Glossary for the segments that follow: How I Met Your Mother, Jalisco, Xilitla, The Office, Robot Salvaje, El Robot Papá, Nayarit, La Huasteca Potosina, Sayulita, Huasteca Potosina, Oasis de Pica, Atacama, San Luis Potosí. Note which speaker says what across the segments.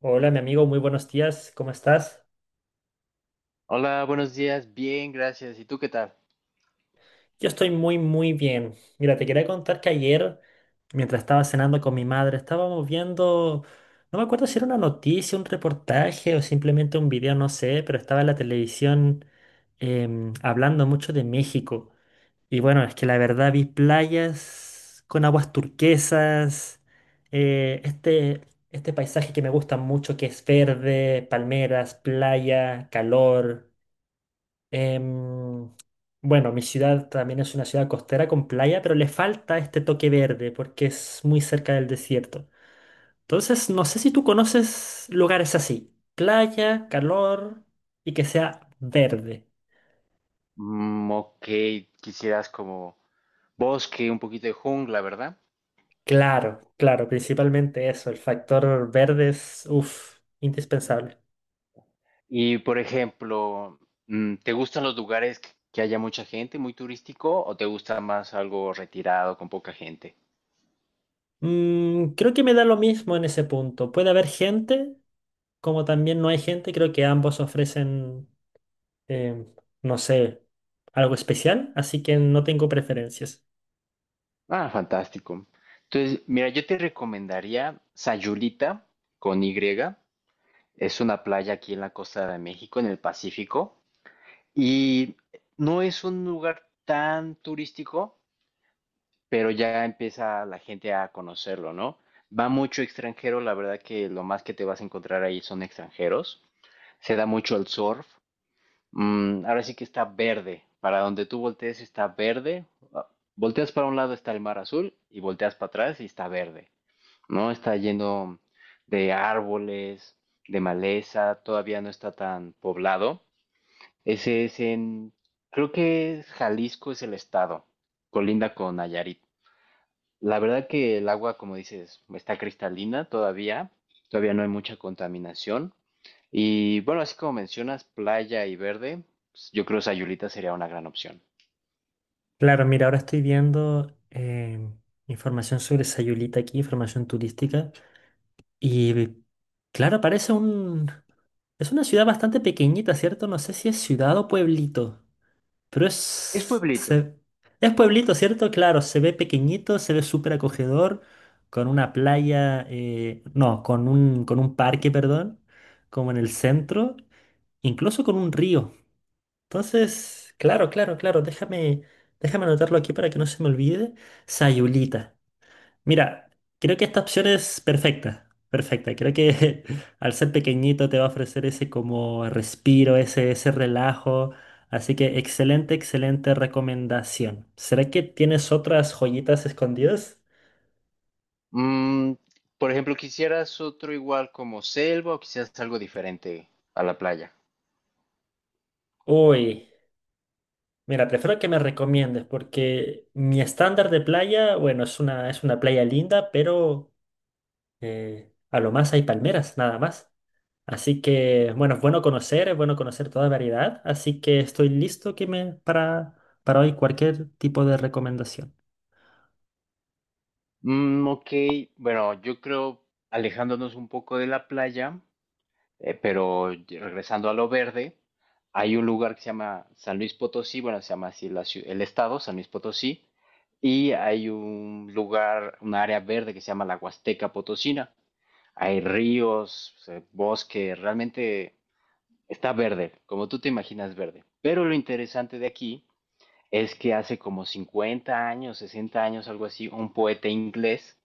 Speaker 1: Hola, mi amigo, muy buenos días, ¿cómo estás?
Speaker 2: Hola, buenos días. Bien, gracias. ¿Y tú qué tal?
Speaker 1: Yo estoy muy, muy bien. Mira, te quería contar que ayer, mientras estaba cenando con mi madre, estábamos viendo, no me acuerdo si era una noticia, un reportaje o simplemente un video, no sé, pero estaba en la televisión hablando mucho de México. Y bueno, es que la verdad vi playas con aguas turquesas, eh, este, este paisaje que me gusta mucho, que es verde, palmeras, playa, calor. Em, bueno, mi ciudad también es una ciudad costera con playa, pero le falta este toque verde porque es muy cerca del desierto. Entonces, no sé si tú conoces lugares así. Playa, calor y que sea verde.
Speaker 2: Mm, ok, quisieras como bosque, un poquito de jungla, ¿verdad?
Speaker 1: Claro, claro, principalmente eso, el factor verde es, uff, indispensable.
Speaker 2: Y por ejemplo, ¿te gustan los lugares que haya mucha gente, muy turístico, o te gusta más algo retirado, con poca gente?
Speaker 1: Creo que me da lo mismo en ese punto. Puede haber gente, como también no hay gente, creo que ambos ofrecen em, no sé, algo especial, así que no tengo preferencias.
Speaker 2: Ah, fantástico. Entonces, mira, yo te recomendaría Sayulita con Y. Es una playa aquí en la costa de México, en el Pacífico, y no es un lugar tan turístico pero ya empieza la gente a conocerlo, ¿no? Va mucho extranjero, la verdad que lo más que te vas a encontrar ahí son extranjeros. Se da mucho el surf. Mm, ahora sí que está verde. Para donde tú voltees está verde. Ah, Volteas para un lado está el mar azul y volteas para atrás y está verde, ¿no? Está lleno de árboles, de maleza, todavía no está tan poblado. Ese es en, Creo que es Jalisco es el estado, colinda con Nayarit. La verdad que el agua, como dices, está cristalina todavía, todavía no hay mucha contaminación. Y bueno, así como mencionas, playa y verde, pues, yo creo Sayulita sería una gran opción.
Speaker 1: Claro, mira, ahora estoy viendo información sobre Sayulita aquí, información turística, y claro, parece. Es una ciudad bastante pequeñita, ¿cierto? No sé si es ciudad o pueblito, pero
Speaker 2: Es pueblito.
Speaker 1: es pueblito, ¿cierto? Claro, se ve pequeñito, se ve súper acogedor, con una playa, no, con un parque, perdón, como en el centro, incluso con un río. Entonces, claro, claro, claro, déjame anotarlo aquí para que no se me olvide. Sayulita. Mira, creo que esta opción es perfecta, perfecta. Creo que al ser pequeñito te va a ofrecer ese como respiro, ese relajo. Así que excelente, excelente recomendación. ¿Será que tienes otras joyitas escondidas?
Speaker 2: Mm, por ejemplo, ¿quisieras otro igual como selva o quisieras algo diferente a la playa?
Speaker 1: Uy, mira, prefiero que me recomiendes porque mi estándar de playa, bueno, es una playa linda. A lo más hay palmeras, nada más. Así que, bueno, es bueno conocer toda variedad. Así que estoy listo que para hoy cualquier tipo de recomendación.
Speaker 2: Mm, ok, bueno, yo creo, alejándonos un poco de la playa, regresando a lo verde, hay un lugar que se llama San Luis Potosí, bueno, se llama así la el estado, San Luis Potosí, y hay un lugar, un área verde que se llama la Huasteca Potosina. Hay ríos, bosque, realmente está verde, como tú te imaginas verde. Pero lo interesante de aquí es que hace como 50 años, 60 años, algo así, un poeta inglés,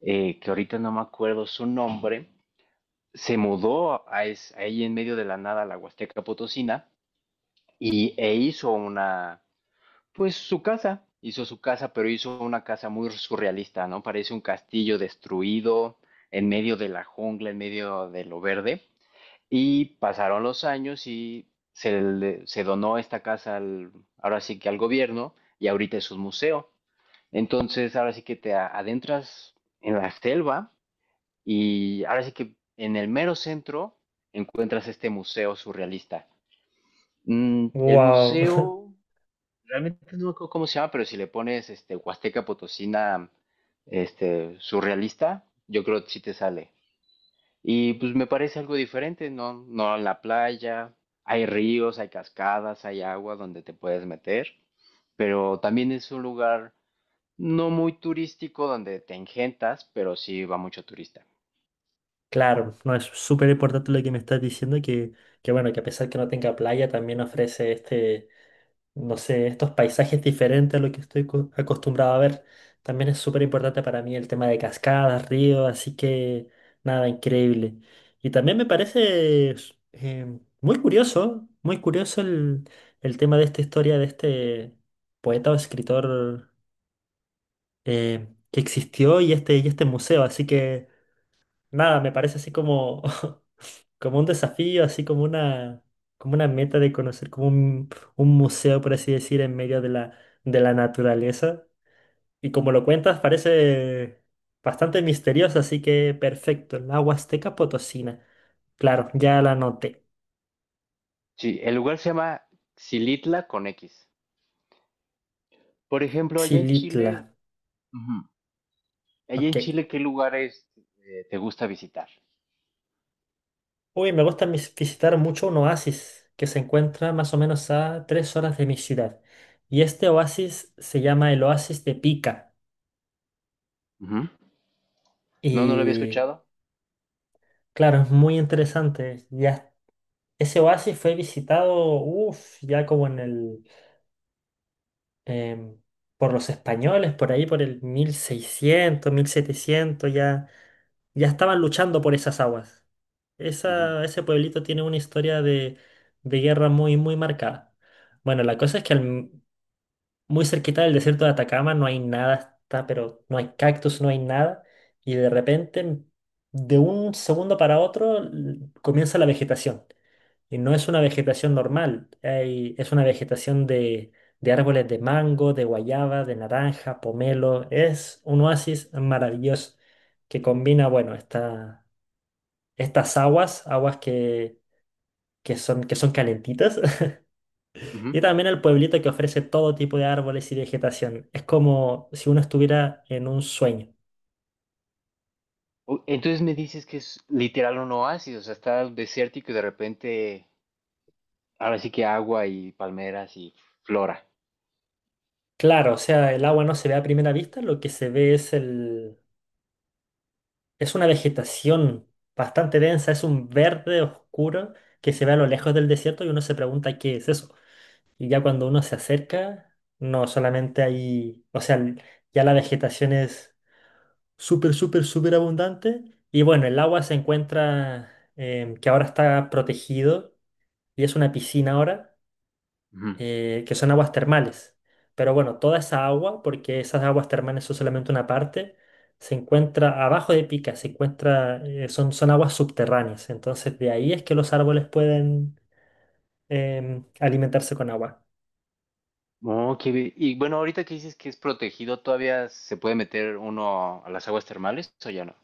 Speaker 2: que ahorita no me acuerdo su nombre, se mudó a ahí en medio de la nada a la Huasteca Potosina e hizo una, pues su casa, hizo su casa, pero hizo una casa muy surrealista, ¿no? Parece un castillo destruido en medio de la jungla, en medio de lo verde. Y pasaron los años y se donó esta casa al, ahora sí que al gobierno y ahorita es un museo. Entonces, ahora sí que te adentras en la selva y ahora sí que en el mero centro encuentras este museo surrealista. Mm, el
Speaker 1: Wow,
Speaker 2: museo, realmente no me acuerdo cómo se llama, pero si le pones este, Huasteca Potosina este, surrealista, yo creo que sí te sale. Y pues me parece algo diferente, ¿no? No en la playa, hay ríos, hay cascadas, hay agua donde te puedes meter, pero también es un lugar no muy turístico donde te engentas, pero sí va mucho turista.
Speaker 1: claro, no es súper importante lo que me estás diciendo, que bueno, que a pesar que no tenga playa, también ofrece no sé, estos paisajes diferentes a lo que estoy acostumbrado a ver. También es súper importante para mí el tema de cascadas, ríos, así que nada, increíble. Y también me parece muy curioso el tema de esta historia de este poeta o escritor que existió y y este museo, así que. Nada, me parece así como, como un desafío, así como una meta de conocer como un museo, por así decir, en medio de la, naturaleza. Y como lo cuentas, parece bastante misterioso, así que perfecto. La Huasteca Potosina. Claro, ya la noté.
Speaker 2: Sí, el lugar se llama Xilitla con X. Por ejemplo, allá en
Speaker 1: Xilitla.
Speaker 2: Chile, ujú, allá en
Speaker 1: Ok.
Speaker 2: Chile, ¿qué lugares te gusta visitar?
Speaker 1: Uy, me gusta visitar mucho un oasis que se encuentra más o menos a 3 horas de mi ciudad. Y este oasis se llama el Oasis de Pica.
Speaker 2: Ujú. No, no lo había
Speaker 1: Y
Speaker 2: escuchado.
Speaker 1: claro, es muy interesante. Ya, ese oasis fue visitado, uff, ya como em, por los españoles, por ahí por el 1600, 1700, ya, ya estaban luchando por esas aguas.
Speaker 2: Ujú,
Speaker 1: Ese pueblito tiene una historia de guerra muy, muy marcada. Bueno, la cosa es que muy cerquita del desierto de Atacama no hay nada, está, pero no hay cactus, no hay nada, y de repente, de un segundo para otro, comienza la vegetación. Y no es una vegetación normal, es una vegetación de árboles de mango, de guayaba, de naranja, pomelo. Es un oasis maravilloso que combina, bueno, estas aguas, aguas que son calentitas,
Speaker 2: ujú.
Speaker 1: y también el pueblito que ofrece todo tipo de árboles y vegetación. Es como si uno estuviera en un sueño.
Speaker 2: Entonces me dices que es literal un oasis, o sea, está desértico y de repente, ahora sí que agua y palmeras y flora.
Speaker 1: Claro, o sea, el agua no se ve a primera vista, lo que se ve es una vegetación bastante densa, es un verde oscuro que se ve a lo lejos del desierto y uno se pregunta qué es eso. Y ya cuando uno se acerca, no solamente hay, o sea, ya la vegetación es súper, súper, súper abundante. Y bueno, el agua se encuentra, que ahora está protegido y es una piscina ahora
Speaker 2: Ujú.
Speaker 1: que son aguas termales. Pero bueno, toda esa agua, porque esas aguas termales son solamente una parte, se encuentra abajo de Pica, se encuentra, son aguas subterráneas. Entonces de ahí es que los árboles pueden alimentarse con agua.
Speaker 2: Oh, qué bien. Y bueno, ahorita que dices que es protegido, ¿todavía se puede meter uno a las aguas termales o ya no?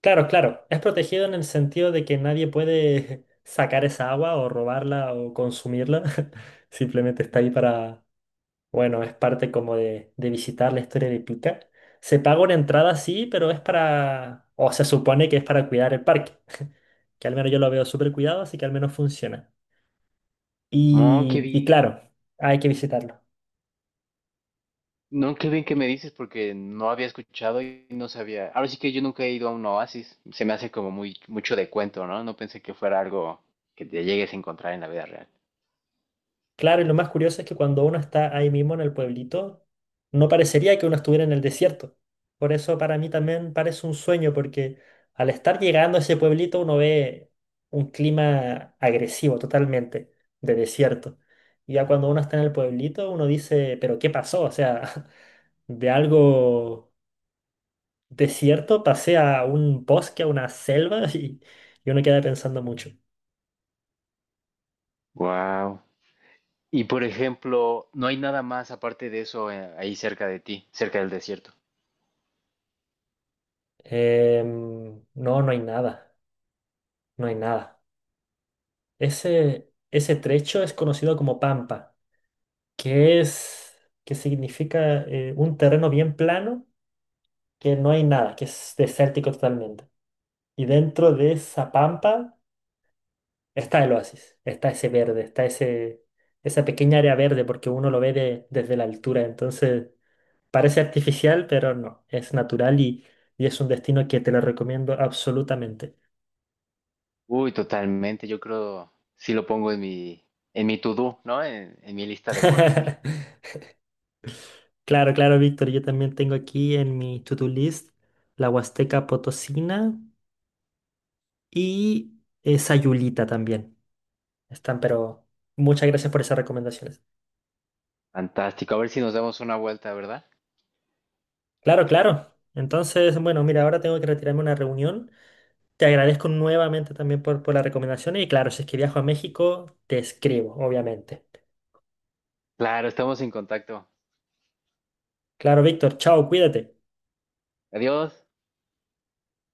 Speaker 1: Claro, claro, es protegido en el sentido de que nadie puede sacar esa agua o robarla o consumirla. Simplemente está
Speaker 2: Ujú.
Speaker 1: ahí. Para Bueno, es parte como de visitar la historia de Pica. Se paga una entrada, sí, pero es para, o se supone que es para cuidar el parque, que al menos yo lo veo súper cuidado, así que al menos funciona.
Speaker 2: Oh, qué
Speaker 1: Y
Speaker 2: bien.
Speaker 1: claro, hay que visitarlo.
Speaker 2: No, qué bien que me dices porque no había escuchado y no sabía. Ahora sí que yo nunca he ido a un oasis. Se me hace como muy mucho de cuento, ¿no? No pensé que fuera algo que te llegues a encontrar en la vida real.
Speaker 1: Claro, y lo más curioso es que cuando uno está ahí mismo en el pueblito, no parecería que uno estuviera en el desierto. Por eso para mí también parece un sueño, porque al estar llegando a ese pueblito uno ve un clima agresivo totalmente, de desierto. Y ya cuando uno está en el pueblito, uno dice, pero ¿qué pasó? O sea, de algo desierto pasé a un bosque, a una selva, y uno queda pensando mucho.
Speaker 2: Wow. Y por ejemplo, no hay nada más aparte de eso, ahí cerca de ti, cerca del desierto.
Speaker 1: No, no hay nada, no hay nada. Ese trecho es conocido como pampa, que es, que significa un terreno bien plano, que no hay nada, que es desértico totalmente. Y dentro de esa pampa está el oasis, está ese verde, está esa pequeña área verde, porque uno lo ve desde la altura. Entonces parece artificial, pero no, es natural y es un destino que te lo recomiendo absolutamente.
Speaker 2: Uy, totalmente. Yo creo sí lo pongo en mi, en mi to-do, ¿no? En mi lista de por hacer.
Speaker 1: Claro, claro, Víctor, yo también tengo aquí en mi to-do list la Huasteca Potosina y Sayulita también. Están, pero muchas gracias por esas recomendaciones.
Speaker 2: Fantástico. A ver si nos damos una vuelta, ¿verdad?
Speaker 1: Claro, claro. Entonces, bueno, mira, ahora tengo que retirarme a una reunión. Te agradezco nuevamente también por las recomendaciones y claro, si es que viajo a México, te escribo, obviamente.
Speaker 2: Claro, estamos en contacto.
Speaker 1: Claro, Víctor, chao, cuídate.
Speaker 2: Adiós.